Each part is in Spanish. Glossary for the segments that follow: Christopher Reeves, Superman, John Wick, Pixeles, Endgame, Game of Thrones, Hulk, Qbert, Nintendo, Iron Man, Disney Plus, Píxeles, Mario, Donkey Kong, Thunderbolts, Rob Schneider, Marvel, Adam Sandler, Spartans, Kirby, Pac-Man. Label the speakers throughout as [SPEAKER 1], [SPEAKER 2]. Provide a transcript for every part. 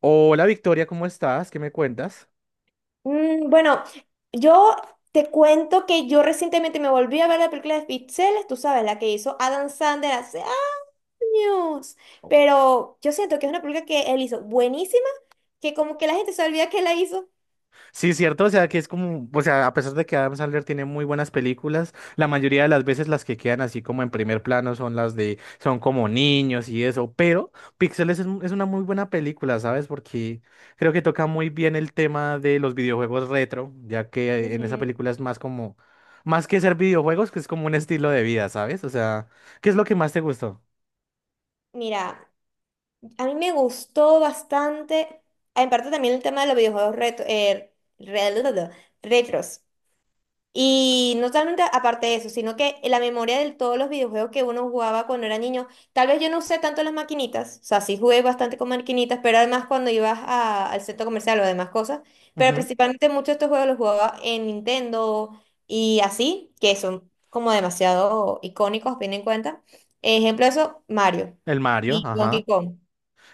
[SPEAKER 1] Hola Victoria, ¿cómo estás? ¿Qué me cuentas?
[SPEAKER 2] Bueno, yo te cuento que yo recientemente me volví a ver la película de Pixeles, tú sabes, la que hizo Adam Sandler hace años. Pero yo siento que es una película que él hizo buenísima, que como que la gente se olvida que la hizo.
[SPEAKER 1] Sí, cierto, o sea que es como, o sea, a pesar de que Adam Sandler tiene muy buenas películas, la mayoría de las veces las que quedan así como en primer plano son las de, son como niños y eso, pero Píxeles es, es una muy buena película, ¿sabes? Porque creo que toca muy bien el tema de los videojuegos retro, ya que en esa
[SPEAKER 2] Ujú.
[SPEAKER 1] película es más como, más que ser videojuegos, que es como un estilo de vida, ¿sabes? O sea, ¿qué es lo que más te gustó?
[SPEAKER 2] Mira, a mí me gustó bastante, en parte también el tema de los videojuegos re- retros. Y no solamente aparte de eso, sino que la memoria de todos los videojuegos que uno jugaba cuando era niño, tal vez yo no usé tanto las maquinitas, o sea, sí jugué bastante con maquinitas, pero además cuando al centro comercial o demás cosas, pero
[SPEAKER 1] Ujú.
[SPEAKER 2] principalmente muchos de estos juegos los jugaba en Nintendo y así, que son como demasiado icónicos, bien en cuenta. Ejemplo de eso, Mario
[SPEAKER 1] El Mario,
[SPEAKER 2] y Donkey
[SPEAKER 1] ajá.
[SPEAKER 2] Kong.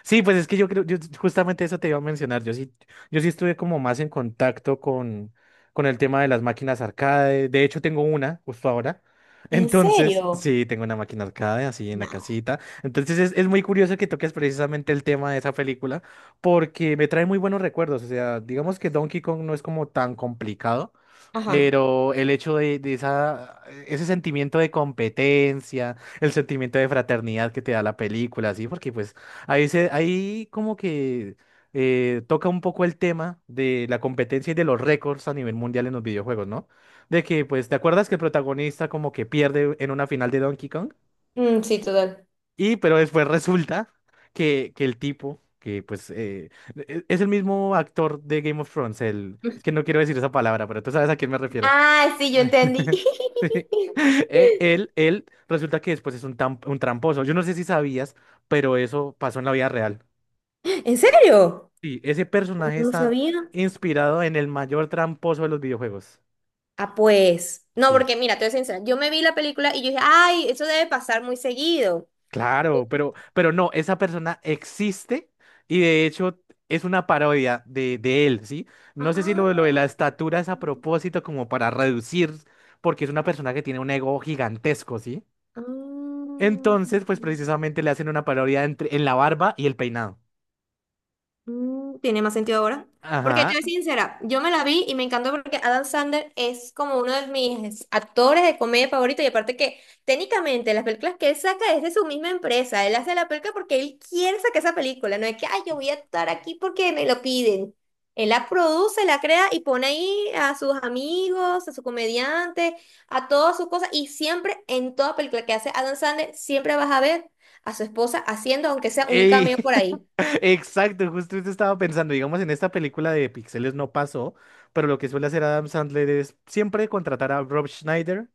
[SPEAKER 1] Sí, pues es que yo creo, yo justamente eso te iba a mencionar. Yo sí, yo sí estuve como más en contacto con el tema de las máquinas arcade. De hecho, tengo una justo ahora.
[SPEAKER 2] ¿En
[SPEAKER 1] Entonces,
[SPEAKER 2] serio?
[SPEAKER 1] sí, tengo una máquina arcade así en la
[SPEAKER 2] No.
[SPEAKER 1] casita. Entonces, es muy curioso que toques precisamente el tema de esa película porque me trae muy buenos recuerdos. O sea, digamos que Donkey Kong no es como tan complicado.
[SPEAKER 2] Ajá.
[SPEAKER 1] Pero el hecho de esa, ese sentimiento de competencia, el sentimiento de fraternidad que te da la película, ¿sí? Porque pues ahí, ahí como que toca un poco el tema de la competencia y de los récords a nivel mundial en los videojuegos, ¿no? De que, pues, ¿te acuerdas que el protagonista como que pierde en una final de Donkey Kong?
[SPEAKER 2] Mm, sí, total.
[SPEAKER 1] Y pero después resulta que el tipo, que pues es el mismo actor de Game of Thrones, el, es que no quiero decir esa palabra, pero tú sabes a quién me refiero.
[SPEAKER 2] Ah, sí, yo entendí.
[SPEAKER 1] Él, él resulta que después es un, un tramposo. Yo no sé si sabías, pero eso pasó en la vida real.
[SPEAKER 2] ¿En serio?
[SPEAKER 1] Sí, ese personaje
[SPEAKER 2] No
[SPEAKER 1] está
[SPEAKER 2] sabía.
[SPEAKER 1] inspirado en el mayor tramposo de los videojuegos.
[SPEAKER 2] Ah, pues. No,
[SPEAKER 1] Sí,
[SPEAKER 2] porque mira, te voy a ser sincera. Yo me vi la película y yo dije, ay, eso debe pasar muy seguido.
[SPEAKER 1] claro, pero no, esa persona existe y de hecho es una parodia de él, ¿sí? No sé si
[SPEAKER 2] Ah.
[SPEAKER 1] lo, lo de la estatura es a propósito como para reducir, porque es una persona que tiene un ego gigantesco, ¿sí?
[SPEAKER 2] Ah.
[SPEAKER 1] Entonces, pues precisamente le hacen una parodia entre, en la barba y el peinado.
[SPEAKER 2] Mm, tiene más sentido ahora. Porque te
[SPEAKER 1] Ajá.
[SPEAKER 2] voy a ser sincera, yo me la vi y me encantó porque Adam Sandler es como uno de mis actores de comedia favoritos y aparte que técnicamente las películas que él saca es de su misma empresa, él hace la película porque él quiere sacar esa película, no es que, ay, yo voy a estar aquí porque me lo piden. Él la produce, la crea y pone ahí a sus amigos, a sus comediantes, a todas sus cosas y siempre en toda película que hace Adam Sandler, siempre vas a ver a su esposa haciendo, aunque sea un
[SPEAKER 1] Ey,
[SPEAKER 2] cameo por ahí.
[SPEAKER 1] exacto, justo eso estaba pensando, digamos, en esta película de Pixeles no pasó, pero lo que suele hacer Adam Sandler es siempre contratar a Rob Schneider,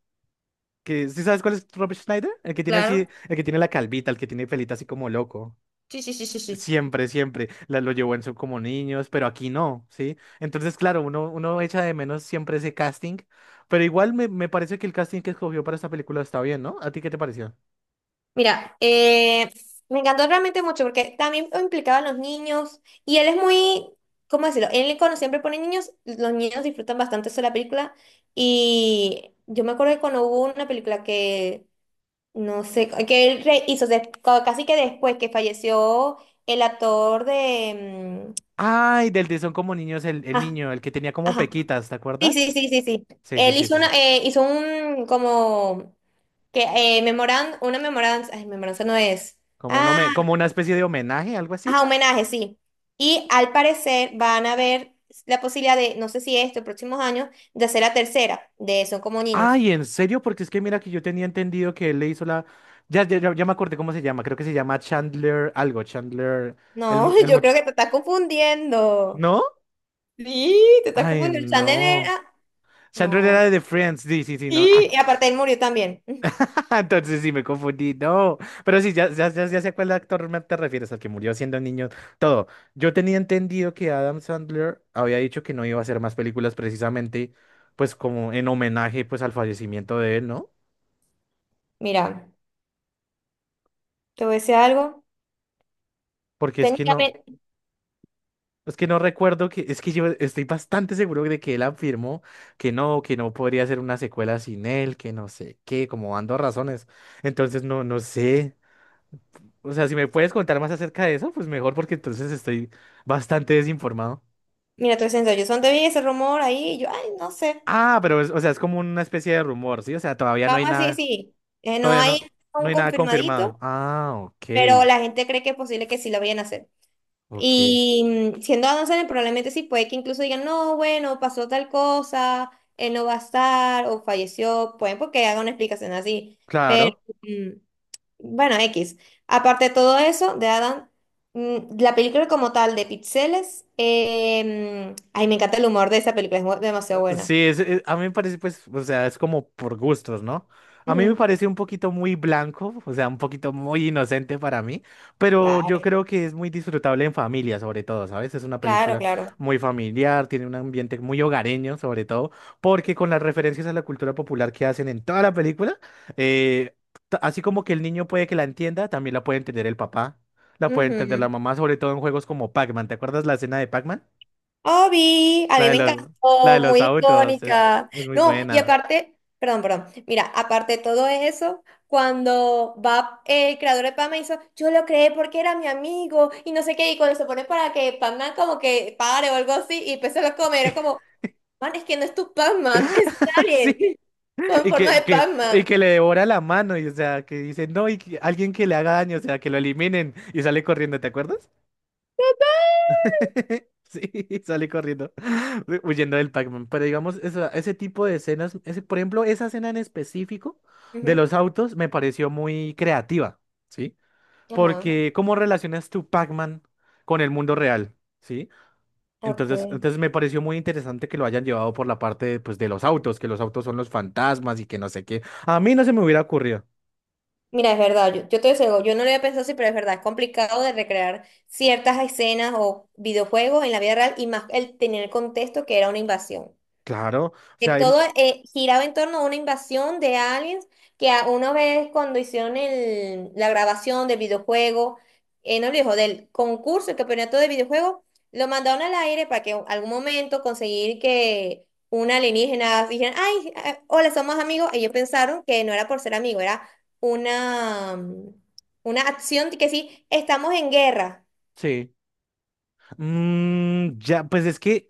[SPEAKER 1] que ¿sí sabes cuál es Rob Schneider? El que tiene
[SPEAKER 2] Claro.
[SPEAKER 1] así, el que tiene la calvita, el que tiene pelita así como loco.
[SPEAKER 2] Sí, sí, sí, sí, sí.
[SPEAKER 1] Siempre, siempre la, lo llevó en su como niños, pero aquí no, ¿sí? Entonces, claro, uno, uno echa de menos siempre ese casting, pero igual me, me parece que el casting que escogió para esta película está bien, ¿no? ¿A ti qué te pareció?
[SPEAKER 2] Mira, me encantó realmente mucho porque también implicaba a los niños y él es muy, ¿cómo decirlo? Él cuando siempre pone niños, los niños disfrutan bastante eso de la película y yo me acuerdo que cuando hubo una película que, no sé, que hizo casi que después que falleció el actor de... mm,
[SPEAKER 1] Ay, del de Son como niños, el
[SPEAKER 2] ah,
[SPEAKER 1] niño, el que tenía como
[SPEAKER 2] ajá.
[SPEAKER 1] pequitas, ¿te
[SPEAKER 2] Sí,
[SPEAKER 1] acuerdas?
[SPEAKER 2] sí, sí, sí, sí.
[SPEAKER 1] Sí, sí,
[SPEAKER 2] Él
[SPEAKER 1] sí,
[SPEAKER 2] hizo
[SPEAKER 1] sí,
[SPEAKER 2] una,
[SPEAKER 1] sí.
[SPEAKER 2] hizo un como que una memoranza, ay, memoranza no es.
[SPEAKER 1] Como,
[SPEAKER 2] Ah,
[SPEAKER 1] como una especie de homenaje, algo así.
[SPEAKER 2] ajá, homenaje, sí. Y al parecer van a haber la posibilidad de, no sé si esto, próximos años, de hacer la tercera, de Son como niños.
[SPEAKER 1] Ay, ¿en serio? Porque es que mira que yo tenía entendido que él le hizo la... Ya, ya, ya me acordé cómo se llama. Creo que se llama Chandler algo. Chandler... El,
[SPEAKER 2] No,
[SPEAKER 1] el
[SPEAKER 2] yo creo
[SPEAKER 1] much...
[SPEAKER 2] que te estás confundiendo.
[SPEAKER 1] ¿No?
[SPEAKER 2] Sí, te estás El
[SPEAKER 1] Ay,
[SPEAKER 2] confundiendo.
[SPEAKER 1] no. Chandler
[SPEAKER 2] No.
[SPEAKER 1] era de The Friends. Sí, sí, sí, no. Ay,
[SPEAKER 2] Sí. Y aparte él murió también.
[SPEAKER 1] entonces sí me confundí. No. Pero sí, ya, ya, ya, ya sé a cuál actor me te refieres, al que murió siendo niño. Todo. Yo tenía entendido que Adam Sandler había dicho que no iba a hacer más películas precisamente, pues como en homenaje pues al fallecimiento de él, ¿no?
[SPEAKER 2] Mira, te voy a decir algo.
[SPEAKER 1] Porque
[SPEAKER 2] Técnicamente,
[SPEAKER 1] es que no recuerdo que, es que yo estoy bastante seguro de que él afirmó que no podría ser una secuela sin él, que no sé qué, como dando razones. Entonces no, no sé. O sea, si me puedes contar más acerca de eso, pues mejor porque entonces estoy bastante desinformado.
[SPEAKER 2] mira, te yo yo solo vi ese rumor ahí, y yo, ay, no sé.
[SPEAKER 1] Ah, pero es, o sea, es como una especie de rumor, ¿sí? O sea, todavía no hay
[SPEAKER 2] Vamos así,
[SPEAKER 1] nada,
[SPEAKER 2] sí. No
[SPEAKER 1] todavía
[SPEAKER 2] hay
[SPEAKER 1] no, no
[SPEAKER 2] un
[SPEAKER 1] hay nada confirmado.
[SPEAKER 2] confirmadito,
[SPEAKER 1] Ah, ok,
[SPEAKER 2] pero la gente cree que es posible que sí lo vayan a hacer.
[SPEAKER 1] ok.
[SPEAKER 2] Y siendo Adam Sandler, probablemente sí, puede que incluso digan, no, bueno, pasó tal cosa, él no va a estar, o falleció, pueden porque haga una explicación así. Pero,
[SPEAKER 1] Claro.
[SPEAKER 2] mm, bueno, X. Aparte de todo eso, de Adam, la película como tal de Pixeles, ay, me encanta el humor de esa película, demasiado buena.
[SPEAKER 1] Sí, a mí me parece, pues, o sea, es como por gustos, ¿no? A mí me
[SPEAKER 2] Ujú,
[SPEAKER 1] parece un poquito muy blanco, o sea, un poquito muy inocente para mí, pero yo
[SPEAKER 2] claro,
[SPEAKER 1] creo que es muy disfrutable en familia, sobre todo, ¿sabes? Es una
[SPEAKER 2] claro,
[SPEAKER 1] película
[SPEAKER 2] claro.
[SPEAKER 1] muy familiar, tiene un ambiente muy hogareño, sobre todo, porque con las referencias a la cultura popular que hacen en toda la película, eh, así como que el niño puede que la entienda, también la puede entender el papá, la puede entender la mamá, sobre todo en juegos como Pac-Man. ¿Te acuerdas la escena de Pac-Man?
[SPEAKER 2] Obi, a
[SPEAKER 1] La
[SPEAKER 2] mí
[SPEAKER 1] de
[SPEAKER 2] me
[SPEAKER 1] los, la de
[SPEAKER 2] encantó,
[SPEAKER 1] los
[SPEAKER 2] muy
[SPEAKER 1] autos
[SPEAKER 2] icónica.
[SPEAKER 1] es muy
[SPEAKER 2] No, y
[SPEAKER 1] buena.
[SPEAKER 2] aparte, perdón, perdón. Mira, aparte de todo eso, cuando va el creador de Pam hizo, yo lo creé porque era mi amigo y no sé qué, y cuando se pone para que Pac-Man como que pare o algo así y pues se lo come, era como, man, es que no es tu Pac-Man, es un alien
[SPEAKER 1] Sí,
[SPEAKER 2] con
[SPEAKER 1] y
[SPEAKER 2] forma de
[SPEAKER 1] que, y
[SPEAKER 2] Pac-Man.
[SPEAKER 1] que le devora la mano, y o sea, que dice, no, alguien que le haga daño, o sea, que lo eliminen, y sale corriendo, ¿te acuerdas? Sí, sale corriendo, huyendo del Pac-Man. Pero digamos, ese tipo de escenas, ese, por ejemplo, esa escena en específico de
[SPEAKER 2] Ujú.
[SPEAKER 1] los autos me pareció muy creativa, ¿sí?
[SPEAKER 2] Ajá.
[SPEAKER 1] Porque, ¿cómo relacionas tu Pac-Man con el mundo real? ¿Sí?
[SPEAKER 2] Ok.
[SPEAKER 1] Entonces, entonces me pareció muy interesante que lo hayan llevado por la parte de, pues, de los autos, que los autos son los fantasmas y que no sé qué. A mí no se me hubiera ocurrido.
[SPEAKER 2] Mira, es verdad, yo te digo, yo no lo había pensado así, pero es verdad, es complicado de recrear ciertas escenas o videojuegos en la vida real y más el tener el contexto que era una invasión.
[SPEAKER 1] Claro, o
[SPEAKER 2] Que
[SPEAKER 1] sea, ima-
[SPEAKER 2] todo giraba en torno a una invasión de aliens que a una vez cuando la grabación del videojuego, no dijo, del concurso, el campeonato de videojuego, lo mandaron al aire para que en algún momento conseguir que un alienígena dijeran, ay, hola, somos amigos. Ellos pensaron que no era por ser amigo, era una, una acción de que sí, estamos en guerra.
[SPEAKER 1] sí. Mm, ya, pues es que,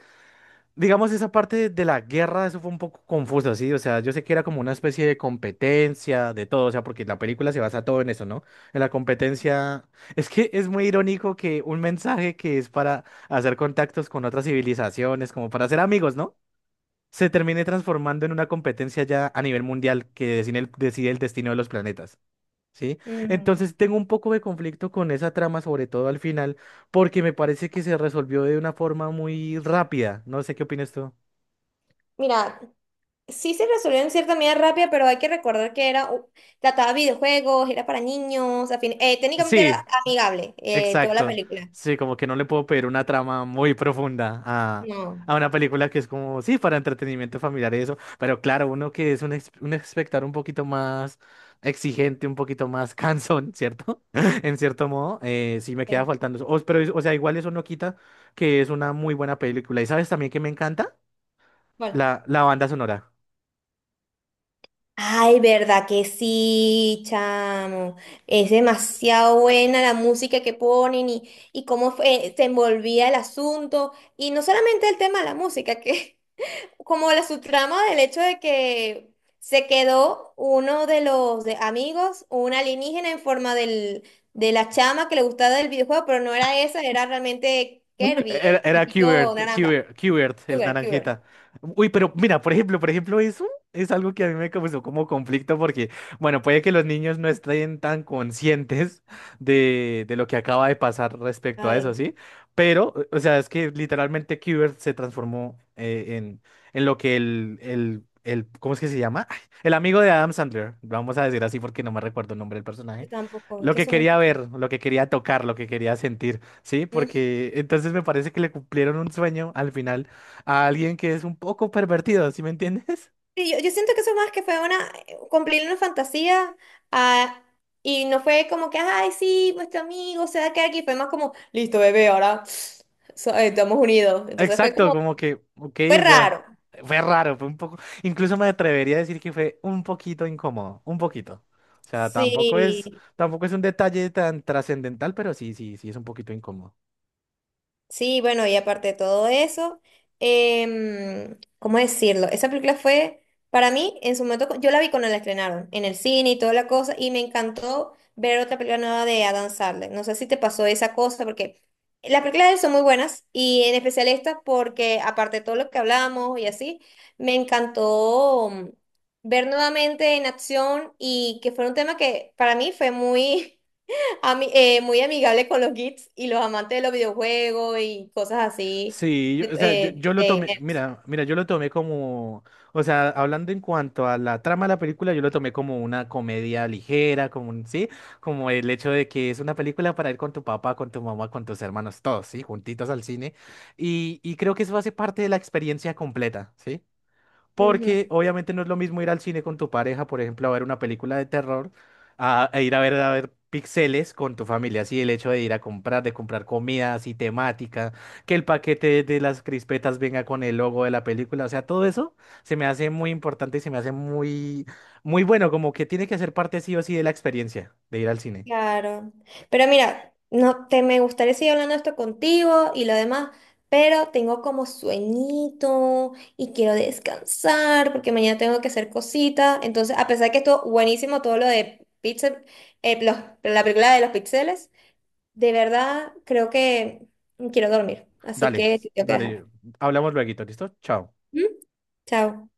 [SPEAKER 1] digamos, esa parte de la guerra, eso fue un poco confuso, ¿sí? O sea, yo sé que era como una especie de competencia, de todo, o sea, porque la película se basa todo en eso, ¿no? En la competencia. Es que es muy irónico que un mensaje que es para hacer contactos con otras civilizaciones, como para ser amigos, ¿no? Se termine transformando en una competencia ya a nivel mundial que decide el destino de los planetas, ¿sí?
[SPEAKER 2] Mm.
[SPEAKER 1] Entonces tengo un poco de conflicto con esa trama, sobre todo al final, porque me parece que se resolvió de una forma muy rápida. No sé qué opinas tú.
[SPEAKER 2] Mira, sí se resolvió en cierta medida rápida, pero hay que recordar que era, trataba videojuegos, era para niños, técnicamente
[SPEAKER 1] Sí,
[SPEAKER 2] era amigable toda la
[SPEAKER 1] exacto.
[SPEAKER 2] película.
[SPEAKER 1] Sí, como que no le puedo pedir una trama muy profunda
[SPEAKER 2] No.
[SPEAKER 1] a una película que es como, sí, para entretenimiento familiar y eso, pero claro, uno que es un, un espectador un poquito más exigente, un poquito más cansón, ¿cierto? En cierto modo, sí me queda
[SPEAKER 2] Sí.
[SPEAKER 1] faltando eso. Pero, o sea, igual eso no quita que es una muy buena película. ¿Y sabes también que me encanta?
[SPEAKER 2] Bueno.
[SPEAKER 1] La banda sonora.
[SPEAKER 2] Ay, verdad que sí, chamo. Es demasiado buena la música que ponen y se envolvía el asunto. Y no solamente el tema de la música, que como la subtrama del hecho de que se quedó uno de los amigos, un alienígena en forma del, de la chama que le gustaba del videojuego, pero no era esa, era realmente Kirby,
[SPEAKER 1] Era,
[SPEAKER 2] el
[SPEAKER 1] era
[SPEAKER 2] chiquito
[SPEAKER 1] Qbert,
[SPEAKER 2] naranja.
[SPEAKER 1] Qbert, Qbert, el
[SPEAKER 2] Cuber, Cuber.
[SPEAKER 1] naranjita. Uy, pero mira, por ejemplo, eso es algo que a mí me causó como conflicto porque, bueno, puede que los niños no estén tan conscientes de lo que acaba de pasar respecto a
[SPEAKER 2] Ay,
[SPEAKER 1] eso, ¿sí? Pero, o sea, es que literalmente Qbert se transformó en lo que el, ¿cómo es que se llama? Ay, el amigo de Adam Sandler, vamos a decir así porque no me recuerdo el nombre del personaje.
[SPEAKER 2] yo tampoco, es
[SPEAKER 1] Lo
[SPEAKER 2] que
[SPEAKER 1] que
[SPEAKER 2] son
[SPEAKER 1] quería
[SPEAKER 2] muchos.
[SPEAKER 1] ver, lo que quería tocar, lo que quería sentir. Sí,
[SPEAKER 2] Mm.
[SPEAKER 1] porque entonces me parece que le cumplieron un sueño al final a alguien que es un poco pervertido, ¿sí me entiendes?
[SPEAKER 2] Sí, yo siento que eso más que fue una, cumplir una fantasía, ah, y no fue como que, ay, sí, nuestro amigo se va a quedar aquí", fue más como, listo, bebé, ahora estamos unidos. Entonces fue
[SPEAKER 1] Exacto,
[SPEAKER 2] como,
[SPEAKER 1] como que, ok,
[SPEAKER 2] fue
[SPEAKER 1] o sea,
[SPEAKER 2] raro.
[SPEAKER 1] fue raro, fue un poco, incluso me atrevería a decir que fue un poquito incómodo, un poquito. O sea, tampoco
[SPEAKER 2] Sí,
[SPEAKER 1] es, tampoco es un detalle tan trascendental, pero sí, sí, sí es un poquito incómodo.
[SPEAKER 2] sí, bueno, y aparte de todo eso, ¿cómo decirlo? Esa película fue, para mí, en su momento, yo la vi cuando la estrenaron, en el cine y toda la cosa, y me encantó ver otra película nueva de Adam Sandler. No sé si te pasó esa cosa, porque las películas de él son muy buenas, y en especial esta, porque aparte de todo lo que hablamos y así, me encantó ver nuevamente en acción, y que fue un tema que para mí fue muy... muy amigable con los geeks y los amantes de los videojuegos y cosas así.
[SPEAKER 1] Sí, yo-
[SPEAKER 2] de-
[SPEAKER 1] o sea, yo,
[SPEAKER 2] eh,
[SPEAKER 1] yo lo
[SPEAKER 2] de-
[SPEAKER 1] tomé, mira, mira, yo lo tomé como, o sea, hablando en cuanto a la trama de la película, yo lo tomé como una comedia ligera, como un, sí, como el hecho de que es una película para ir con tu papá, con tu mamá, con tus hermanos, todos, sí, juntitos al cine, y creo que eso hace parte de la experiencia completa, ¿sí? Porque
[SPEAKER 2] Ujú,
[SPEAKER 1] obviamente no es lo mismo ir al cine con tu pareja, por ejemplo, a ver una película de terror, a, e ir a ver píxeles con tu familia. Así el hecho de ir a comprar, de comprar comida así temática, que el paquete de las crispetas venga con el logo de la película. O sea, todo eso se me hace muy importante y se me hace muy, muy bueno, como que tiene que ser parte sí o sí de la experiencia de ir al cine.
[SPEAKER 2] claro. Pero mira, no te me gustaría seguir hablando esto contigo y lo demás, pero tengo como sueñito y quiero descansar porque mañana tengo que hacer cositas. Entonces, a pesar que estuvo buenísimo todo lo de Pixel, eh, los- la película de los pixeles, de verdad creo que quiero dormir. Así
[SPEAKER 1] Dale,
[SPEAKER 2] que te tengo que
[SPEAKER 1] dale,
[SPEAKER 2] dejar.
[SPEAKER 1] hablamos luego, ¿listo? Chao.
[SPEAKER 2] ¿Mm? Chao.